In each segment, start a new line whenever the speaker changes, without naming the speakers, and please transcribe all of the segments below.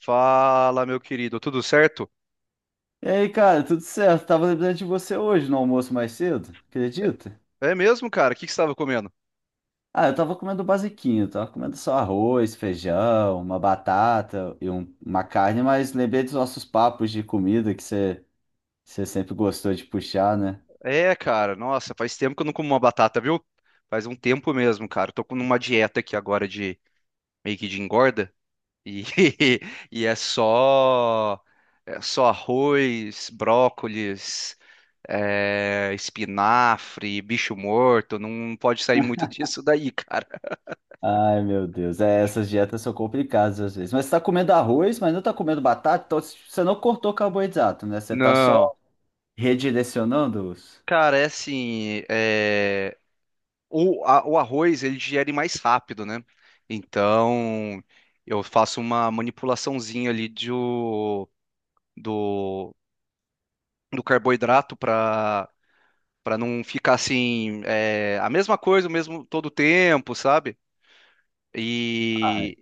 Fala, meu querido, tudo certo?
E aí, cara, tudo certo? Tava lembrando de você hoje no almoço mais cedo, acredita?
É mesmo, cara? O que que você estava comendo?
Ah, eu tava comendo basiquinho, tava comendo só arroz, feijão, uma batata e uma carne, mas lembrei dos nossos papos de comida que você sempre gostou de puxar, né?
É, cara, nossa, faz tempo que eu não como uma batata, viu? Faz um tempo mesmo, cara. Eu tô com uma dieta aqui agora de meio que de engorda e, e é só arroz, brócolis, espinafre, bicho morto. Não pode sair muito disso daí, cara.
Ai, meu Deus, é, essas dietas são complicadas às vezes. Mas você tá comendo arroz, mas não tá comendo batata, então você não cortou carboidrato, né? Você tá
Não,
só redirecionando os.
cara, é assim. O arroz ele digere mais rápido, né? Então eu faço uma manipulaçãozinha ali do, do carboidrato para não ficar assim a mesma coisa o mesmo todo tempo, sabe?
Ah,
E,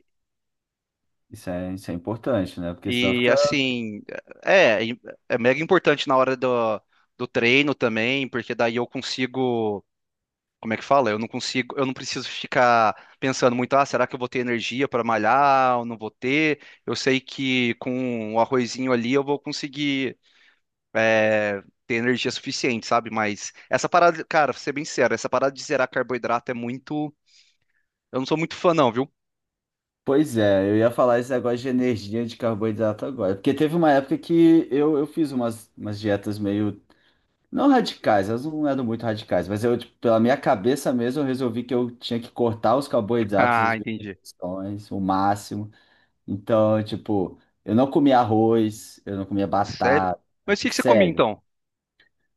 isso é importante, né? Porque senão
e
fica.
assim é é é mega importante na hora do treino também, porque daí eu consigo como é que fala? Eu não consigo, eu não preciso ficar pensando muito, ah, será que eu vou ter energia para malhar ou não vou ter? Eu sei que com o arrozinho ali eu vou conseguir é, ter energia suficiente, sabe? Mas essa parada, cara, pra ser bem sério, essa parada de zerar carboidrato é muito. Eu não sou muito fã, não, viu?
Pois é, eu ia falar esse negócio de energia de carboidrato agora. Porque teve uma época que eu fiz umas dietas meio. Não radicais, elas não eram muito radicais, mas eu, tipo, pela minha cabeça mesmo, eu resolvi que eu tinha que cortar os carboidratos,
Ah,
as
entendi.
refeições, o máximo. Então, tipo, eu não comia arroz, eu não comia
Sério?
batata,
Mas o que que você comia
sério.
então?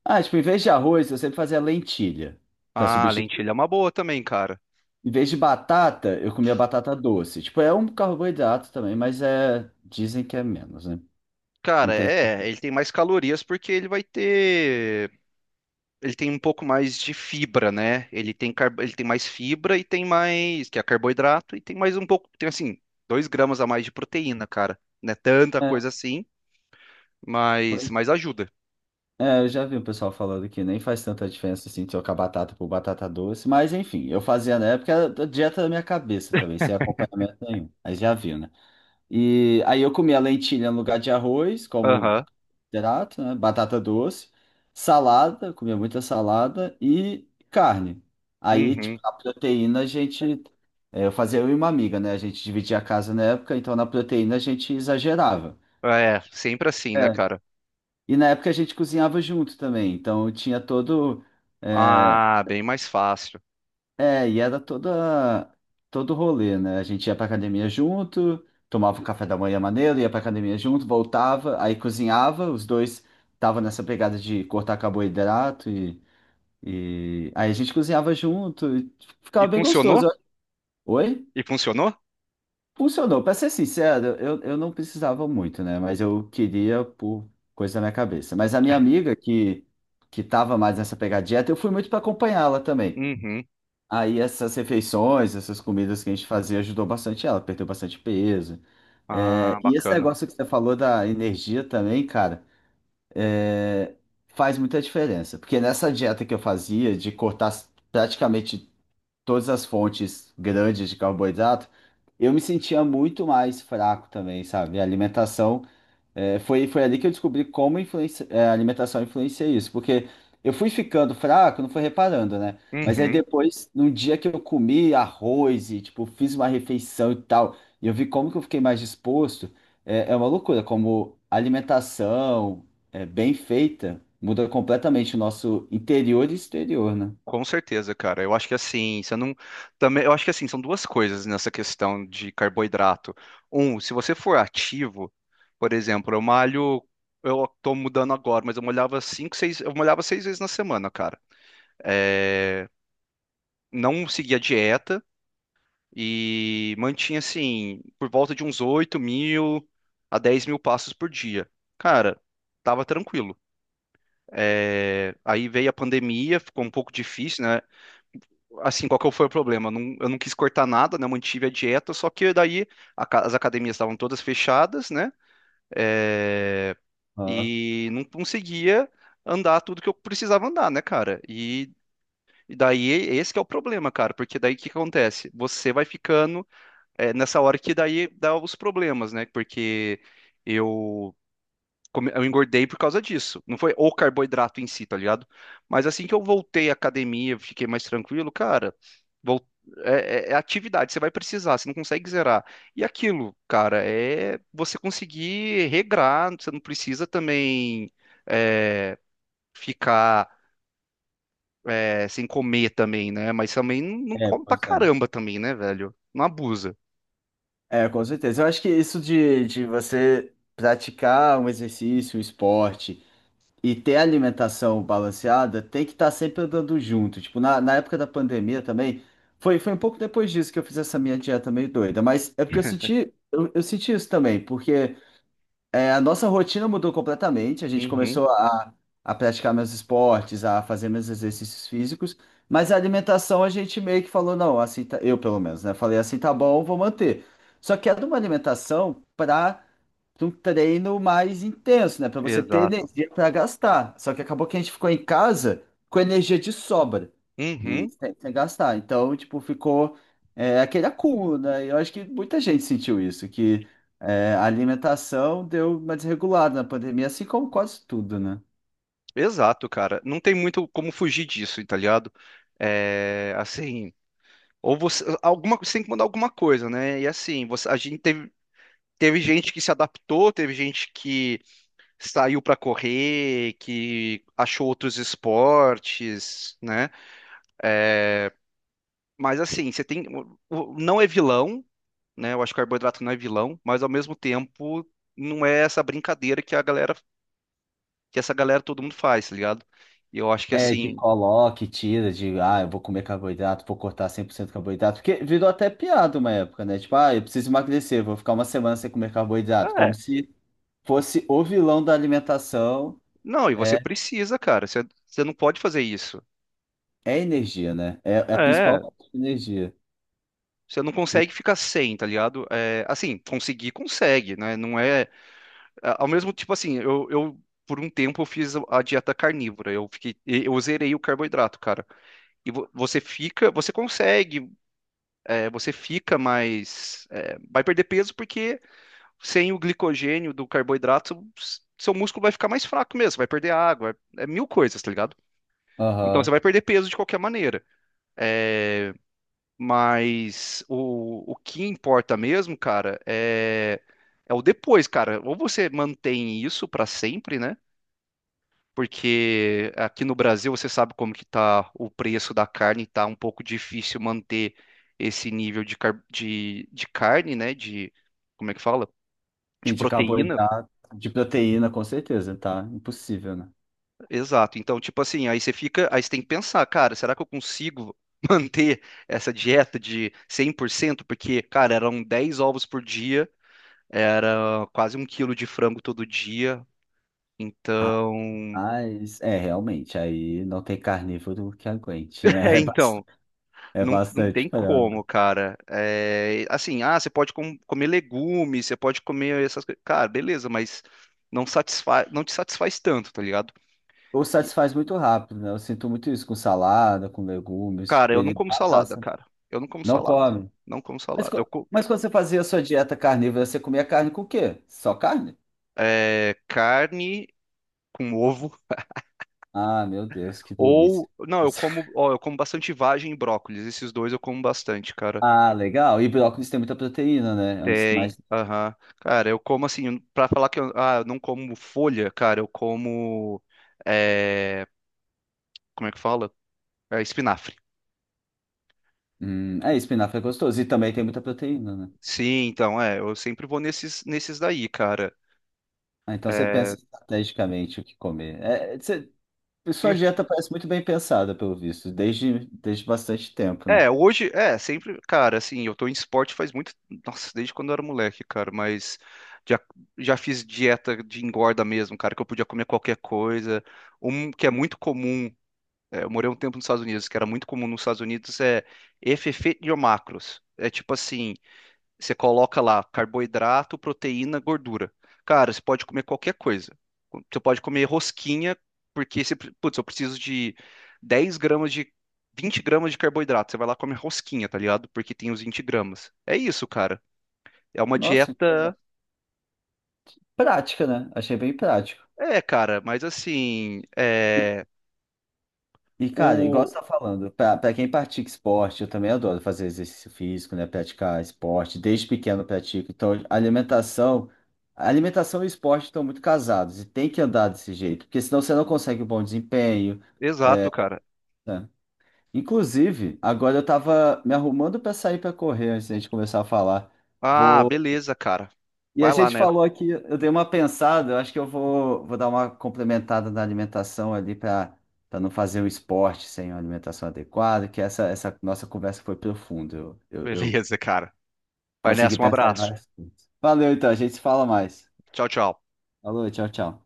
Ah, tipo, em vez de arroz, eu sempre fazia lentilha para
Ah, lentilha
substituir.
é uma boa também, cara.
Em vez de batata, eu comia batata doce. Tipo, é um carboidrato também, mas é. Dizem que é menos, né? Não
Cara,
tem.
é, ele tem mais calorias porque ele vai ter ele tem um pouco mais de fibra, né? Ele tem, ele tem mais fibra e tem mais, que é carboidrato, e tem mais um pouco, tem assim, dois gramas a mais de proteína, cara. Não é tanta
É,
coisa assim,
pois-
mas ajuda.
é, eu já vi o pessoal falando que nem faz tanta diferença assim trocar batata por batata doce, mas enfim, eu fazia na época era da dieta da minha cabeça também, sem acompanhamento nenhum. Aí já viu, né? E aí eu comia lentilha no lugar de arroz, como
Aham.
hidrato, né? Batata doce, salada, comia muita salada e carne. Aí, tipo,
Uhum.
a proteína a gente. É, eu fazia eu e uma amiga, né? A gente dividia a casa na época, então na proteína a gente exagerava.
É, sempre assim, né,
É.
cara?
E na época a gente cozinhava junto também, então tinha todo. É,
Ah, bem mais fácil.
e era toda, todo rolê, né? A gente ia pra academia junto, tomava um café da manhã maneiro, ia pra academia junto, voltava, aí cozinhava, os dois tava nessa pegada de cortar carboidrato. E aí a gente cozinhava junto, e
E
ficava bem gostoso.
funcionou?
Eu- Oi?
E funcionou?
Funcionou. Pra ser sincero, eu não precisava muito, né? Mas eu queria por coisa da minha cabeça. Mas a minha amiga que tava mais nessa pegada dieta, eu fui muito para acompanhá-la também.
Uhum.
Aí essas refeições, essas comidas que a gente fazia ajudou bastante ela, perdeu bastante peso. É,
Ah,
e esse
bacana.
negócio que você falou da energia também, cara, é, faz muita diferença. Porque nessa dieta que eu fazia, de cortar praticamente todas as fontes grandes de carboidrato, eu me sentia muito mais fraco também, sabe? A alimentação, foi, foi ali que eu descobri como influencia, a alimentação influencia isso, porque eu fui ficando fraco, não fui reparando, né? Mas aí
Uhum.
depois, num dia que eu comi arroz e, tipo, fiz uma refeição e tal, e eu vi como que eu fiquei mais disposto, é, é uma loucura, como a alimentação é, bem feita muda completamente o nosso interior e exterior, né?
Com certeza, cara. Eu acho que assim, você não também, eu acho que assim, são duas coisas nessa questão de carboidrato. Um, se você for ativo, por exemplo, eu malho, eu tô mudando agora, mas eu malhava seis vezes na semana, cara. É, não seguia dieta e mantinha assim, por volta de uns 8 mil a 10 mil passos por dia. Cara, tava tranquilo. É, aí veio a pandemia, ficou um pouco difícil, né? Assim, qual que foi o problema? Eu não quis cortar nada, né? Eu mantive a dieta, só que daí as academias estavam todas fechadas, né? É,
Ah,
e não conseguia andar tudo que eu precisava andar, né, cara? E daí esse que é o problema, cara, porque daí o que que acontece? Você vai ficando nessa hora que daí dá os problemas, né? Porque eu eu engordei por causa disso. Não foi o carboidrato em si, tá ligado? Mas assim que eu voltei à academia, eu fiquei mais tranquilo, cara. vol- É, é atividade, você vai precisar, você não consegue zerar. E aquilo, cara, é você conseguir regrar, você não precisa também é, ficar sem comer também, né? Mas também não não
é,
come pra
pois é.
caramba também, né, velho? Não abusa.
É, com certeza. Eu acho que isso de você praticar um exercício, um esporte e ter alimentação balanceada tem que estar sempre andando junto. Tipo, na época da pandemia também, foi, foi um pouco depois disso que eu fiz essa minha dieta meio doida, mas é porque eu senti, eu senti isso também, porque. É, a nossa rotina mudou completamente. A gente
Uhum,
começou a praticar meus esportes, a fazer meus exercícios físicos, mas a alimentação a gente meio que falou, não, assim tá, eu pelo menos, né? Falei assim, tá bom, vou manter. Só que era uma alimentação para de um treino mais intenso, né? Para você ter
exato.
energia para gastar. Só que acabou que a gente ficou em casa com energia de sobra e
Uhum.
sem, sem gastar. Então, tipo, ficou é, aquele acúmulo, né? E eu acho que muita gente sentiu isso, que é, a alimentação deu uma desregulada na pandemia, assim como quase tudo, né?
Exato, cara. Não tem muito como fugir disso, tá ligado? É, assim, ou você tem que mandar alguma coisa, né? E assim, a gente teve, teve gente que se adaptou, teve gente que saiu pra correr, que achou outros esportes, né? É, mas assim, você tem, não é vilão, né? Eu acho que o carboidrato não é vilão, mas ao mesmo tempo não é essa brincadeira que essa galera todo mundo faz, tá ligado? E eu acho que
É, de
assim,
coloque, tira, de ah, eu vou comer carboidrato, vou cortar 100% carboidrato, porque virou até piada uma época, né? Tipo, ah, eu preciso emagrecer, vou ficar uma semana sem comer carboidrato, como se fosse o vilão da alimentação,
não, e você
é,
precisa, cara. Você não pode fazer isso.
é energia, né? É, é a principal
É,
fonte de energia.
você não consegue ficar sem, tá ligado? É, assim, conseguir, consegue, né? Não é. Ao mesmo tipo assim, eu por um tempo eu fiz a dieta carnívora. Eu fiquei, eu zerei o carboidrato, cara. E você fica, você consegue, você fica mais. É, vai perder peso porque sem o glicogênio do carboidrato, seu músculo vai ficar mais fraco mesmo, vai perder água, é mil coisas, tá ligado? Então você
Aham.
vai perder peso de qualquer maneira. É, mas o que importa mesmo, cara, é, é o depois, cara. Ou você mantém isso pra sempre, né? Porque aqui no Brasil você sabe como que tá o preço da carne, tá um pouco difícil manter esse nível de carne, né? De, como é que fala?
Sim,
De
de
proteína.
carboidrato, de proteína, com certeza, tá? Impossível, né?
Exato. Então, tipo assim, aí você tem que pensar, cara, será que eu consigo manter essa dieta de 100%? Porque, cara, eram 10 ovos por dia. Era quase um quilo de frango todo dia. Então.
Rapaz, é, realmente, aí não tem carnívoro que aguente, né?
É,
É
então.
é
Não, não
bastante
tem
frango.
como, cara. É, assim, ah, você pode comer legumes, você pode comer essas coisas. Cara, beleza, mas não te satisfaz tanto, tá ligado?
Ou
E,
satisfaz muito rápido, né? Eu sinto muito isso com salada, com legumes, que,
cara,
tipo,
eu não
ele
como
dá aquela
salada,
sa-
cara. Eu não como
Não
salada.
come.
Não como
Mas,
salada. Eu
mas quando você fazia a sua dieta carnívora, você comia carne com o quê? Só carne?
é, carne com ovo.
Ah, meu Deus, que delícia.
Ou, não, eu como, ó, eu como bastante vagem e brócolis. Esses dois eu como bastante, cara.
Ah, legal. E brócolis tem muita proteína, né? É um dos que
Tem,
mais.
aham. Cara, eu como assim, pra falar que eu ah, eu não como folha, cara, eu como. É, como é que fala? É, espinafre.
É, espinafre é gostoso. E também tem muita proteína, né?
Sim, então, é, eu sempre vou nesses daí, cara.
Ah, então você pensa
É,
estrategicamente o que comer. Sua dieta parece muito bem pensada, pelo visto, desde, desde bastante tempo, né?
hoje, é, sempre, cara, assim, eu tô em esporte faz muito, nossa, desde quando eu era moleque, cara, mas já, já fiz dieta de engorda mesmo, cara, que eu podia comer qualquer coisa. Um que é muito comum é, eu morei um tempo nos Estados Unidos, que era muito comum nos Estados Unidos, é FF de macros. É tipo assim, você coloca lá carboidrato, proteína, gordura. Cara, você pode comer qualquer coisa. Você pode comer rosquinha, porque você, putz, eu preciso de 10 gramas de 20 gramas de carboidrato. Você vai lá e come rosquinha, tá ligado? Porque tem os 20 gramas. É isso, cara. É uma
Nossa, que legal.
dieta.
Prática, né? Achei bem prático.
É, cara, mas assim, é
E, cara, igual
o
você tá falando, pra quem pratica esporte, eu também adoro fazer exercício físico, né? Praticar esporte, desde pequeno eu pratico. Então, a alimentação e o esporte estão muito casados e tem que andar desse jeito, porque senão você não consegue um bom desempenho.
exato,
É,
cara.
né? Inclusive, agora eu tava me arrumando pra sair pra correr antes da gente começar a falar.
Ah,
Vou,
beleza, cara.
e a
Vai lá
gente
nessa.
falou aqui, eu dei uma pensada, eu acho que eu vou, vou dar uma complementada na alimentação ali para não fazer um esporte sem uma alimentação adequada, que essa nossa conversa foi profunda. Eu
Beleza, cara. Vai
consegui
nessa, um
pensar em
abraço.
várias coisas. Valeu, então, a gente se fala mais.
Tchau, tchau.
Falou, tchau, tchau.